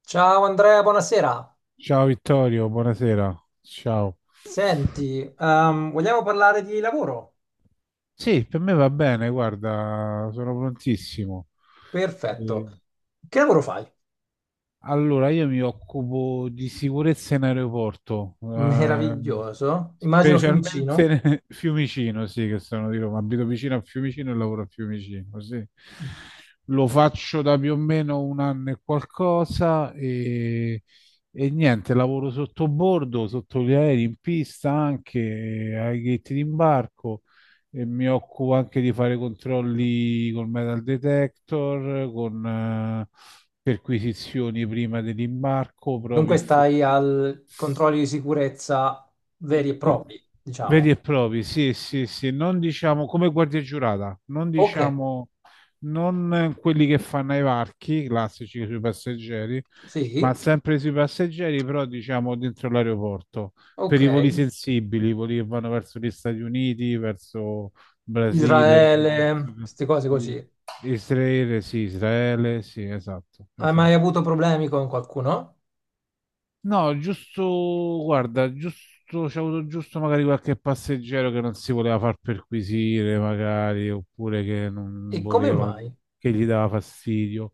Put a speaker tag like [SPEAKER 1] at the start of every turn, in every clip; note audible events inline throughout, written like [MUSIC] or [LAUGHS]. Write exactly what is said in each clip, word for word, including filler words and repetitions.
[SPEAKER 1] Ciao Andrea, buonasera.
[SPEAKER 2] Ciao Vittorio, buonasera. Ciao.
[SPEAKER 1] Senti, ehm, vogliamo parlare di lavoro?
[SPEAKER 2] Sì, per me va bene, guarda, sono prontissimo. Eh,
[SPEAKER 1] Perfetto. Che lavoro fai?
[SPEAKER 2] Allora, io mi occupo di sicurezza in aeroporto, ehm,
[SPEAKER 1] Meraviglioso. Immagino
[SPEAKER 2] specialmente
[SPEAKER 1] Fiumicino.
[SPEAKER 2] nel- [LAUGHS] Fiumicino, sì, che sono di Roma. Abito vicino a Fiumicino e lavoro a Fiumicino, sì. Lo faccio da più o meno un anno e qualcosa e, e niente, lavoro sotto bordo, sotto gli aerei, in pista anche, ai gate d'imbarco e mi occupo anche di fare controlli col metal detector, con eh, perquisizioni prima dell'imbarco, proprio
[SPEAKER 1] Dunque
[SPEAKER 2] effettive.
[SPEAKER 1] stai al controlli di sicurezza
[SPEAKER 2] Co-
[SPEAKER 1] veri e
[SPEAKER 2] co-
[SPEAKER 1] propri,
[SPEAKER 2] Veri e
[SPEAKER 1] diciamo.
[SPEAKER 2] propri, sì, sì, sì, non diciamo come guardia giurata, non
[SPEAKER 1] Ok,
[SPEAKER 2] diciamo non eh, quelli che fanno i varchi classici sui passeggeri, ma
[SPEAKER 1] sì,
[SPEAKER 2] sempre sui passeggeri, però diciamo dentro l'aeroporto, per
[SPEAKER 1] ok.
[SPEAKER 2] i voli sensibili, i voli che vanno verso gli Stati Uniti, verso Brasile,
[SPEAKER 1] Israele,
[SPEAKER 2] verso
[SPEAKER 1] queste cose
[SPEAKER 2] i-
[SPEAKER 1] così.
[SPEAKER 2] Israele, sì, Israele, sì, esatto,
[SPEAKER 1] Hai mai
[SPEAKER 2] esatto.
[SPEAKER 1] avuto problemi con qualcuno?
[SPEAKER 2] No, giusto, guarda, giusto, c'è avuto giusto magari qualche passeggero che non si voleva far perquisire, magari, oppure che
[SPEAKER 1] E
[SPEAKER 2] non
[SPEAKER 1] come
[SPEAKER 2] voleva,
[SPEAKER 1] mai?
[SPEAKER 2] che gli dava fastidio.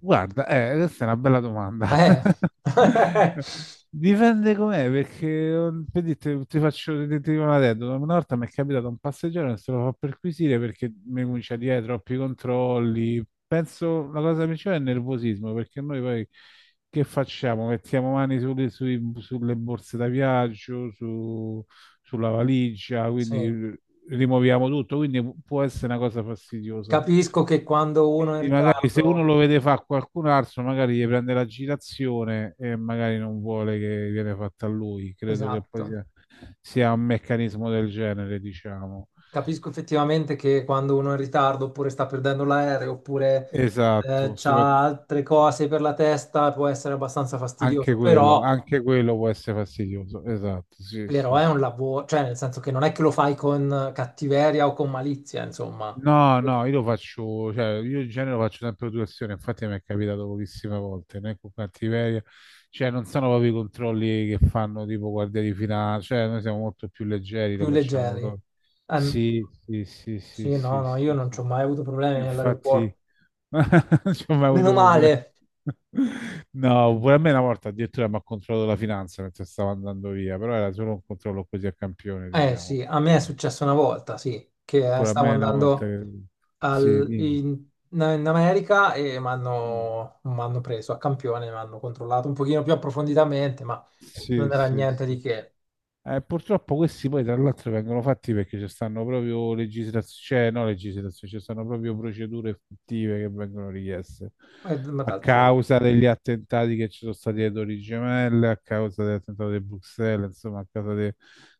[SPEAKER 2] Guarda, eh, questa è una bella domanda.
[SPEAKER 1] Eh, [LAUGHS]
[SPEAKER 2] [LAUGHS] Dipende com'è, perché oh, per dirti, ti faccio ti dico una aneddoto. Una volta mi è capitato un passeggero che se lo fa perquisire perché mi comincia a dire "Eh, troppi controlli." Penso la cosa principale è il nervosismo, perché noi poi che facciamo? Mettiamo mani sulle, sui- sulle borse da viaggio, su- sulla valigia,
[SPEAKER 1] sì,
[SPEAKER 2] quindi rimuoviamo tutto, quindi pu- può essere una cosa fastidiosa.
[SPEAKER 1] capisco che quando uno è in
[SPEAKER 2] Quindi magari se uno
[SPEAKER 1] ritardo...
[SPEAKER 2] lo vede fa qualcun altro, magari gli prende l'agitazione e magari non vuole che viene fatta a lui. Credo che poi
[SPEAKER 1] Esatto.
[SPEAKER 2] sia, sia un meccanismo del genere, diciamo.
[SPEAKER 1] Capisco effettivamente che quando uno è in ritardo oppure sta perdendo l'aereo oppure eh,
[SPEAKER 2] Esatto, sopra-
[SPEAKER 1] c'ha altre cose per la testa, può essere abbastanza
[SPEAKER 2] anche
[SPEAKER 1] fastidioso,
[SPEAKER 2] quello,
[SPEAKER 1] però,
[SPEAKER 2] anche quello può essere fastidioso. Esatto, sì,
[SPEAKER 1] però
[SPEAKER 2] sì,
[SPEAKER 1] è
[SPEAKER 2] sì.
[SPEAKER 1] un lavoro, cioè nel senso che non è che lo fai con cattiveria o con malizia, insomma,
[SPEAKER 2] No, no, io lo faccio, cioè, io in genere lo faccio sempre per situazione, infatti mi è capitato pochissime volte, né con cattiveria, cioè non sono proprio i controlli che fanno tipo guardia di finanza, cioè noi siamo molto più leggeri,
[SPEAKER 1] più
[SPEAKER 2] lo facciamo
[SPEAKER 1] leggeri.
[SPEAKER 2] proprio.
[SPEAKER 1] Ehm,
[SPEAKER 2] Sì, sì, sì, sì,
[SPEAKER 1] sì, no,
[SPEAKER 2] sì,
[SPEAKER 1] no, io
[SPEAKER 2] sì,
[SPEAKER 1] non ci
[SPEAKER 2] sì.
[SPEAKER 1] ho mai avuto problemi
[SPEAKER 2] Infatti
[SPEAKER 1] all'aeroporto.
[SPEAKER 2] [LAUGHS] non ci ho mai
[SPEAKER 1] Meno
[SPEAKER 2] avuto problemi.
[SPEAKER 1] male.
[SPEAKER 2] No, pure a me una volta addirittura mi ha controllato la finanza mentre stavo andando via, però era solo un controllo così a campione,
[SPEAKER 1] Eh
[SPEAKER 2] diciamo.
[SPEAKER 1] sì, a me è successo una volta, sì, che eh,
[SPEAKER 2] Pure a
[SPEAKER 1] stavo
[SPEAKER 2] me una volta
[SPEAKER 1] andando
[SPEAKER 2] che... Sì,
[SPEAKER 1] al-
[SPEAKER 2] dimmi.
[SPEAKER 1] in, in America e mi
[SPEAKER 2] Mm.
[SPEAKER 1] hanno m'hanno preso a campione, mi hanno controllato un pochino più approfonditamente, ma
[SPEAKER 2] Sì,
[SPEAKER 1] non era
[SPEAKER 2] sì,
[SPEAKER 1] niente di
[SPEAKER 2] sì.
[SPEAKER 1] che.
[SPEAKER 2] Eh, purtroppo questi poi tra l'altro vengono fatti perché ci stanno proprio legislazioni, cioè no legislazioni, ci stanno proprio procedure effettive che vengono richieste
[SPEAKER 1] Eh, ma
[SPEAKER 2] a
[SPEAKER 1] d'altronde
[SPEAKER 2] causa degli attentati che ci sono stati alle Torri Gemelle, a causa dell'attentato di Bruxelles, insomma a causa de-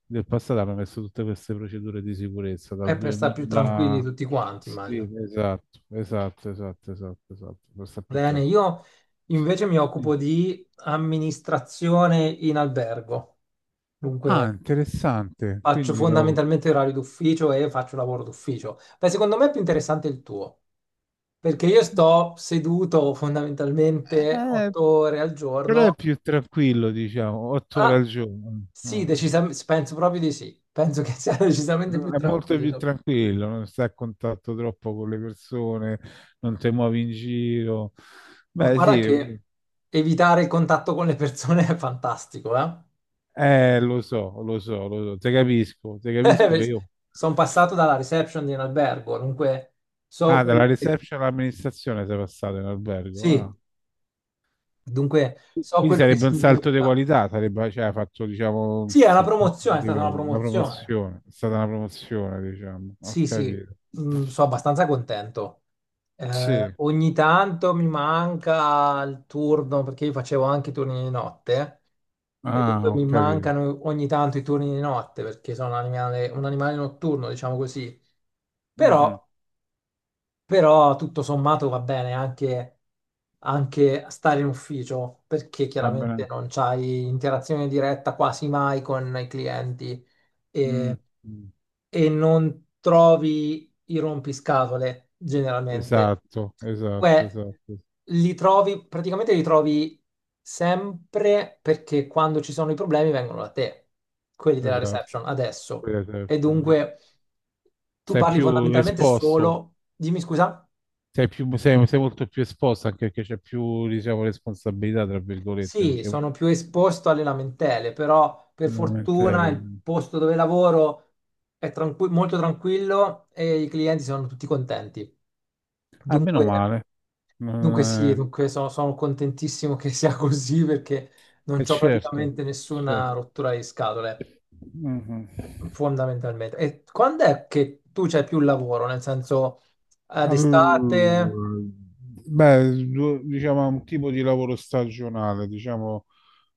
[SPEAKER 2] del passato hanno messo tutte queste procedure di sicurezza
[SPEAKER 1] è
[SPEAKER 2] dal
[SPEAKER 1] per stare più tranquilli
[SPEAKER 2] duemila.
[SPEAKER 1] tutti quanti,
[SPEAKER 2] Sì,
[SPEAKER 1] immagino.
[SPEAKER 2] esatto, esatto, esatto, esatto, esatto, per stare più
[SPEAKER 1] Bene,
[SPEAKER 2] tranquillo.
[SPEAKER 1] io invece mi
[SPEAKER 2] Quindi-
[SPEAKER 1] occupo di amministrazione in albergo,
[SPEAKER 2] Ah,
[SPEAKER 1] dunque
[SPEAKER 2] interessante.
[SPEAKER 1] faccio
[SPEAKER 2] Quindi, la-
[SPEAKER 1] fondamentalmente orari d'ufficio e faccio lavoro d'ufficio. Beh, secondo me è più interessante il tuo. Perché io sto seduto fondamentalmente
[SPEAKER 2] eh,
[SPEAKER 1] otto ore al
[SPEAKER 2] però è
[SPEAKER 1] giorno.
[SPEAKER 2] più tranquillo, diciamo, otto ore
[SPEAKER 1] Ah,
[SPEAKER 2] al giorno.
[SPEAKER 1] sì,
[SPEAKER 2] Ah.
[SPEAKER 1] decisamente, penso proprio di sì. Penso che sia [LAUGHS] decisamente più
[SPEAKER 2] È molto più
[SPEAKER 1] tranquillo.
[SPEAKER 2] tranquillo, non stai a contatto troppo con le persone, non ti muovi in giro.
[SPEAKER 1] Ma
[SPEAKER 2] Beh,
[SPEAKER 1] guarda
[SPEAKER 2] sì,
[SPEAKER 1] che evitare il contatto con le persone è fantastico, eh?
[SPEAKER 2] eh, lo so, lo so, lo so, te capisco, te capisco che
[SPEAKER 1] [LAUGHS]
[SPEAKER 2] io...
[SPEAKER 1] Sono passato dalla reception di un albergo, dunque so
[SPEAKER 2] Ah, dalla
[SPEAKER 1] quello che...
[SPEAKER 2] reception all'amministrazione sei passato in albergo. Ah.
[SPEAKER 1] Sì, dunque so
[SPEAKER 2] Quindi
[SPEAKER 1] quello che
[SPEAKER 2] sarebbe un salto di
[SPEAKER 1] significa.
[SPEAKER 2] qualità, sarebbe, cioè, hai fatto, diciamo, un
[SPEAKER 1] Sì, è una
[SPEAKER 2] salto
[SPEAKER 1] promozione,
[SPEAKER 2] di
[SPEAKER 1] è stata una
[SPEAKER 2] livello, una
[SPEAKER 1] promozione.
[SPEAKER 2] promozione, è stata una promozione, diciamo, ho
[SPEAKER 1] Sì, sì,
[SPEAKER 2] capito.
[SPEAKER 1] mm, sono abbastanza contento. Eh,
[SPEAKER 2] Sì,
[SPEAKER 1] ogni tanto mi manca il turno perché io facevo anche i turni di notte e
[SPEAKER 2] ah,
[SPEAKER 1] dunque
[SPEAKER 2] ho
[SPEAKER 1] mi
[SPEAKER 2] capito.
[SPEAKER 1] mancano ogni tanto i turni di notte perché sono un animale, un animale notturno, diciamo così. Però,
[SPEAKER 2] Mhm.
[SPEAKER 1] però tutto sommato va bene anche, anche stare in ufficio perché
[SPEAKER 2] Va
[SPEAKER 1] chiaramente
[SPEAKER 2] bene.
[SPEAKER 1] non c'hai interazione diretta quasi mai con i clienti e,
[SPEAKER 2] Mm. Mm.
[SPEAKER 1] e non trovi i rompiscatole generalmente.
[SPEAKER 2] Esatto, esatto,
[SPEAKER 1] Beh,
[SPEAKER 2] esatto,
[SPEAKER 1] li trovi, praticamente li trovi sempre perché quando ci sono i problemi vengono da te, quelli della
[SPEAKER 2] esatto.
[SPEAKER 1] reception, adesso.
[SPEAKER 2] Quella è
[SPEAKER 1] E
[SPEAKER 2] Perception, sì.
[SPEAKER 1] dunque tu
[SPEAKER 2] Sei
[SPEAKER 1] parli
[SPEAKER 2] più
[SPEAKER 1] fondamentalmente
[SPEAKER 2] esposto,
[SPEAKER 1] solo... Dimmi scusa.
[SPEAKER 2] sei, più, sei, sei molto più esposto anche perché c'è più, diciamo, responsabilità, tra virgolette,
[SPEAKER 1] Sì,
[SPEAKER 2] perché poi
[SPEAKER 1] sono più esposto alle lamentele, però per
[SPEAKER 2] veramente
[SPEAKER 1] fortuna il
[SPEAKER 2] eri-
[SPEAKER 1] posto dove lavoro è tranqu- molto tranquillo e i clienti sono tutti contenti.
[SPEAKER 2] Ah, meno
[SPEAKER 1] Dunque,
[SPEAKER 2] male.
[SPEAKER 1] dunque sì,
[SPEAKER 2] Eh,
[SPEAKER 1] dunque sono, sono contentissimo che sia [LAUGHS] così perché non
[SPEAKER 2] E
[SPEAKER 1] ho
[SPEAKER 2] certo,
[SPEAKER 1] praticamente
[SPEAKER 2] certo.
[SPEAKER 1] nessuna rottura di scatole,
[SPEAKER 2] Mhm.
[SPEAKER 1] fondamentalmente. E quando è che tu c'hai più lavoro? Nel senso, ad estate?
[SPEAKER 2] Allora, beh, due- diciamo è un tipo di lavoro stagionale, diciamo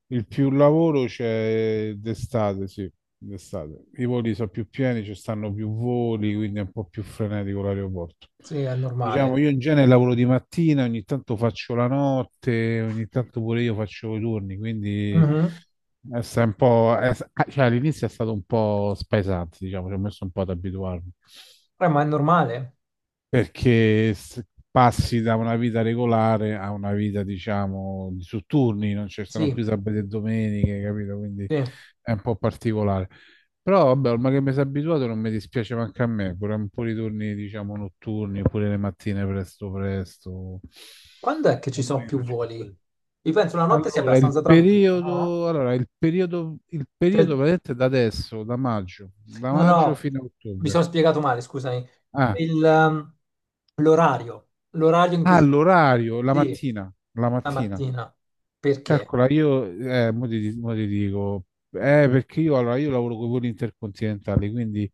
[SPEAKER 2] il più lavoro c'è d'estate, sì, d'estate. I voli sono più pieni, ci stanno più voli, quindi è un po' più frenetico l'aeroporto.
[SPEAKER 1] Sì, è
[SPEAKER 2] Diciamo,
[SPEAKER 1] normale.
[SPEAKER 2] io in genere lavoro di mattina, ogni tanto faccio la notte, ogni tanto pure io faccio i turni, quindi
[SPEAKER 1] Mhm.
[SPEAKER 2] è sta- un po', è- cioè, all'inizio è stato un po' spesante, diciamo, ci ho messo un po' ad abituarmi
[SPEAKER 1] Eh, ma è normale?
[SPEAKER 2] perché s- passi da una vita regolare a una vita, diciamo, di su turni, non ci sono più
[SPEAKER 1] Sì,
[SPEAKER 2] sabati e domeniche, capito? Quindi
[SPEAKER 1] sì.
[SPEAKER 2] è un po' particolare. Però vabbè, ormai che mi sono abituato non mi dispiace manco a me, pure un po' di turni, diciamo, notturni, oppure le mattine presto presto.
[SPEAKER 1] Quando è che ci sono
[SPEAKER 2] Ormai io
[SPEAKER 1] più
[SPEAKER 2] faccio un po'
[SPEAKER 1] voli?
[SPEAKER 2] di-
[SPEAKER 1] Io penso la notte sia
[SPEAKER 2] Allora, il
[SPEAKER 1] abbastanza tranquilla, no?
[SPEAKER 2] periodo, allora, il periodo, il periodo
[SPEAKER 1] Cioè,
[SPEAKER 2] vedete da adesso, da maggio, da
[SPEAKER 1] no,
[SPEAKER 2] maggio
[SPEAKER 1] no,
[SPEAKER 2] fino a
[SPEAKER 1] mi
[SPEAKER 2] ottobre.
[SPEAKER 1] sono spiegato male, scusami.
[SPEAKER 2] Ah,
[SPEAKER 1] Il, ehm, l'orario, l'orario in cui
[SPEAKER 2] Ah,
[SPEAKER 1] ci sono più voli.
[SPEAKER 2] l'orario, la
[SPEAKER 1] Sì,
[SPEAKER 2] mattina, la
[SPEAKER 1] la
[SPEAKER 2] mattina.
[SPEAKER 1] mattina. Perché?
[SPEAKER 2] Calcola, io, eh, mo ti, mo ti dico, eh, perché io, allora, io lavoro con i voli intercontinentali, quindi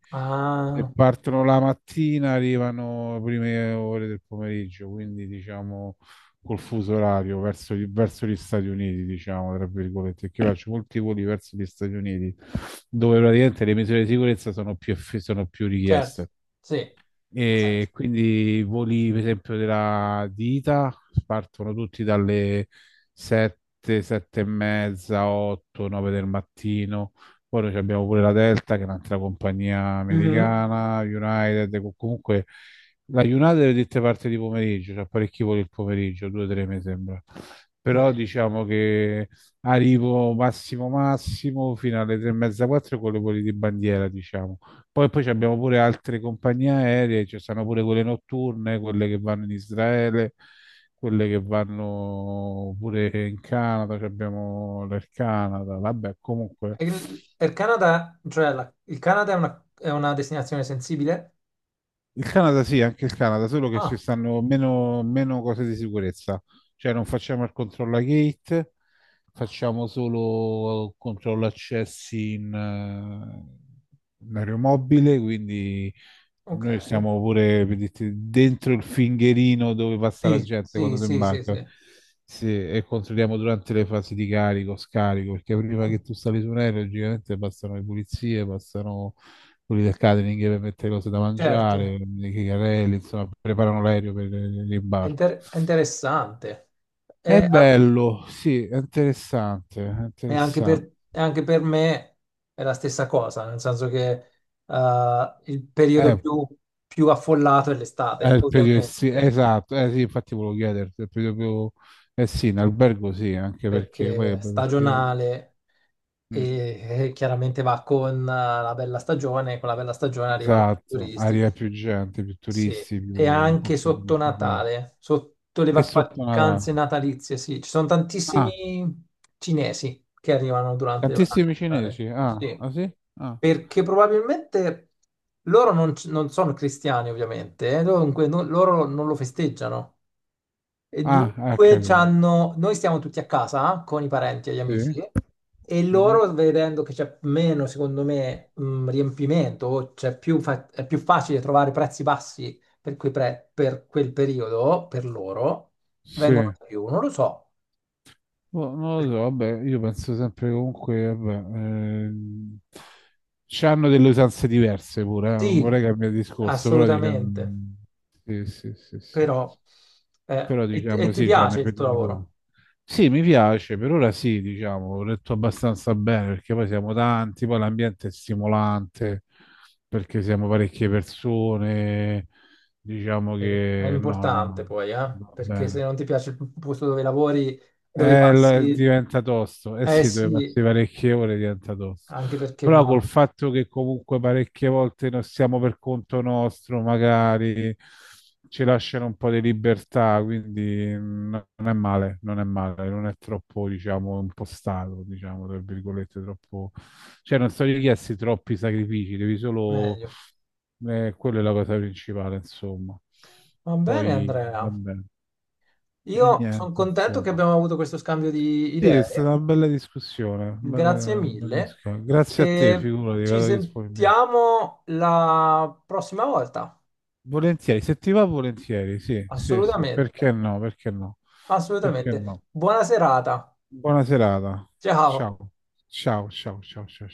[SPEAKER 2] se
[SPEAKER 1] Ah,
[SPEAKER 2] partono la mattina arrivano le prime ore del pomeriggio, quindi diciamo col fuso orario verso, gli- verso gli Stati Uniti, diciamo, tra virgolette, che io faccio molti voli verso gli Stati Uniti, dove praticamente le misure di sicurezza sono più, eff- sono più
[SPEAKER 1] certo,
[SPEAKER 2] richieste.
[SPEAKER 1] sì, ha
[SPEAKER 2] E
[SPEAKER 1] senso.
[SPEAKER 2] quindi i voli, per esempio, della di ida partono tutti dalle sette, sette e mezza, otto, nove del mattino. Poi noi abbiamo pure la Delta, che è un'altra compagnia
[SPEAKER 1] Mhm.
[SPEAKER 2] americana, United, co- comunque la United è dette parte di pomeriggio, c'è parecchi voli il pomeriggio, due tre mi sembra. Però
[SPEAKER 1] Eh,
[SPEAKER 2] diciamo che arrivo massimo massimo fino alle tre e mezza, quattro con le voli di bandiera, diciamo. Poi, poi ci abbiamo pure altre compagnie aeree, ci stanno pure quelle notturne, quelle che vanno in Israele, quelle che vanno pure in Canada, ci abbiamo del Canada, vabbè, comunque
[SPEAKER 1] Il, il Canada, cioè la- il Canada è una, è una destinazione sensibile?
[SPEAKER 2] il Canada sì, anche il Canada, solo che ci
[SPEAKER 1] Ah,
[SPEAKER 2] stanno meno, meno cose di sicurezza, cioè non facciamo il controllo a gate, facciamo solo controllo accessi in, eh, in aeromobile, quindi noi
[SPEAKER 1] ok.
[SPEAKER 2] siamo pure per dirti, dentro il fingerino dove passa la
[SPEAKER 1] Sì,
[SPEAKER 2] gente
[SPEAKER 1] sì,
[SPEAKER 2] quando si
[SPEAKER 1] sì, sì, sì.
[SPEAKER 2] imbarca.
[SPEAKER 1] Eh,
[SPEAKER 2] Sì, e controlliamo durante le fasi di carico, scarico, perché prima che tu sali su un aereo, logicamente passano le pulizie, passano quelli del catering per mettere cose da
[SPEAKER 1] Certo.
[SPEAKER 2] mangiare, i carrelli, insomma, preparano l'aereo per
[SPEAKER 1] È
[SPEAKER 2] l'imbarco.
[SPEAKER 1] inter- è interessante.
[SPEAKER 2] È
[SPEAKER 1] E, a-
[SPEAKER 2] bello, sì, è interessante, è
[SPEAKER 1] e anche
[SPEAKER 2] interessante.
[SPEAKER 1] per, e anche per me è la stessa cosa, nel senso che eh, il periodo
[SPEAKER 2] Eh,
[SPEAKER 1] più, più affollato è
[SPEAKER 2] È
[SPEAKER 1] l'estate,
[SPEAKER 2] il periodo essi-
[SPEAKER 1] ovviamente,
[SPEAKER 2] esatto, eh sì, infatti volevo chiederti, è il periodo più, eh sì, in albergo sì, anche perché poi,
[SPEAKER 1] perché è
[SPEAKER 2] vabbè, perché-
[SPEAKER 1] stagionale
[SPEAKER 2] mm,
[SPEAKER 1] e, e chiaramente va con eh, la bella stagione, e con la bella stagione arrivano tutti i
[SPEAKER 2] esatto,
[SPEAKER 1] turisti.
[SPEAKER 2] aria più gente, più
[SPEAKER 1] Sì,
[SPEAKER 2] turisti, più,
[SPEAKER 1] e
[SPEAKER 2] un po'
[SPEAKER 1] anche
[SPEAKER 2] più di
[SPEAKER 1] sotto
[SPEAKER 2] confusione.
[SPEAKER 1] Natale, sotto le
[SPEAKER 2] E
[SPEAKER 1] va-
[SPEAKER 2] sotto Natale?
[SPEAKER 1] vacanze natalizie, sì. Ci sono
[SPEAKER 2] Ah,
[SPEAKER 1] tantissimi cinesi che arrivano durante le vacanze
[SPEAKER 2] tantissimi
[SPEAKER 1] di Natale.
[SPEAKER 2] cinesi, ah,
[SPEAKER 1] Sì,
[SPEAKER 2] ah sì? Ah,
[SPEAKER 1] perché probabilmente loro non, c- non sono cristiani, ovviamente, eh, dunque no- loro non lo festeggiano. E
[SPEAKER 2] ah, ah,
[SPEAKER 1] dunque
[SPEAKER 2] capito,
[SPEAKER 1] c'hanno- noi stiamo tutti a casa eh, con i parenti e gli
[SPEAKER 2] sì,
[SPEAKER 1] amici e
[SPEAKER 2] mhm.
[SPEAKER 1] loro vedendo che c'è meno, secondo me, mh, riempimento, o c'è più fa- è più facile trovare prezzi bassi per, quei pre- per quel periodo, per loro,
[SPEAKER 2] Sì.
[SPEAKER 1] vengono da più, non lo so.
[SPEAKER 2] Boh, non lo so, vabbè, io penso sempre che comunque, vabbè, ehm, c'hanno delle usanze diverse pure, eh, Non
[SPEAKER 1] Sì,
[SPEAKER 2] vorrei cambiare discorso, però diciamo,
[SPEAKER 1] assolutamente,
[SPEAKER 2] sì, sì, sì, sì.
[SPEAKER 1] però eh,
[SPEAKER 2] Però
[SPEAKER 1] e, e
[SPEAKER 2] diciamo
[SPEAKER 1] ti
[SPEAKER 2] sì, c'hanno
[SPEAKER 1] piace
[SPEAKER 2] i
[SPEAKER 1] il tuo
[SPEAKER 2] periodi loro.
[SPEAKER 1] lavoro?
[SPEAKER 2] Sì, mi piace, per ora sì, diciamo, ho letto abbastanza bene perché poi siamo tanti, poi l'ambiente è stimolante perché siamo parecchie persone, diciamo
[SPEAKER 1] È è
[SPEAKER 2] che no,
[SPEAKER 1] importante
[SPEAKER 2] no,
[SPEAKER 1] poi, eh?
[SPEAKER 2] va
[SPEAKER 1] Perché se
[SPEAKER 2] bene.
[SPEAKER 1] non ti piace il posto dove lavori, dove
[SPEAKER 2] Eh, lo-
[SPEAKER 1] passi,
[SPEAKER 2] diventa tosto, eh
[SPEAKER 1] eh
[SPEAKER 2] sì, dove
[SPEAKER 1] sì,
[SPEAKER 2] passi parecchie ore diventa tosto.
[SPEAKER 1] anche perché
[SPEAKER 2] Però col
[SPEAKER 1] ma
[SPEAKER 2] fatto che comunque parecchie volte non siamo per conto nostro, magari ci lasciano un po' di libertà, quindi mm, non è male, non è male, non è troppo, diciamo, impostato, diciamo, tra virgolette, troppo... Cioè non sono richiesti troppi sacrifici, devi solo...
[SPEAKER 1] meglio.
[SPEAKER 2] eh, quella è la cosa principale, insomma.
[SPEAKER 1] Va bene,
[SPEAKER 2] Poi,
[SPEAKER 1] Andrea.
[SPEAKER 2] vabbè, e
[SPEAKER 1] Io sono
[SPEAKER 2] niente,
[SPEAKER 1] contento che
[SPEAKER 2] insomma.
[SPEAKER 1] abbiamo avuto questo scambio di
[SPEAKER 2] Sì, è stata
[SPEAKER 1] idee.
[SPEAKER 2] una bella discussione,
[SPEAKER 1] Grazie
[SPEAKER 2] bella, bella
[SPEAKER 1] mille
[SPEAKER 2] discussione. Grazie a te,
[SPEAKER 1] e
[SPEAKER 2] figurati,
[SPEAKER 1] ci
[SPEAKER 2] vado disponibile.
[SPEAKER 1] sentiamo la prossima volta.
[SPEAKER 2] Volentieri, se ti va volentieri, sì, sì, sì,
[SPEAKER 1] Assolutamente,
[SPEAKER 2] perché no, perché no, perché
[SPEAKER 1] assolutamente.
[SPEAKER 2] no.
[SPEAKER 1] Buona serata.
[SPEAKER 2] Buona serata.
[SPEAKER 1] Ciao.
[SPEAKER 2] Ciao, ciao, ciao, ciao, ciao.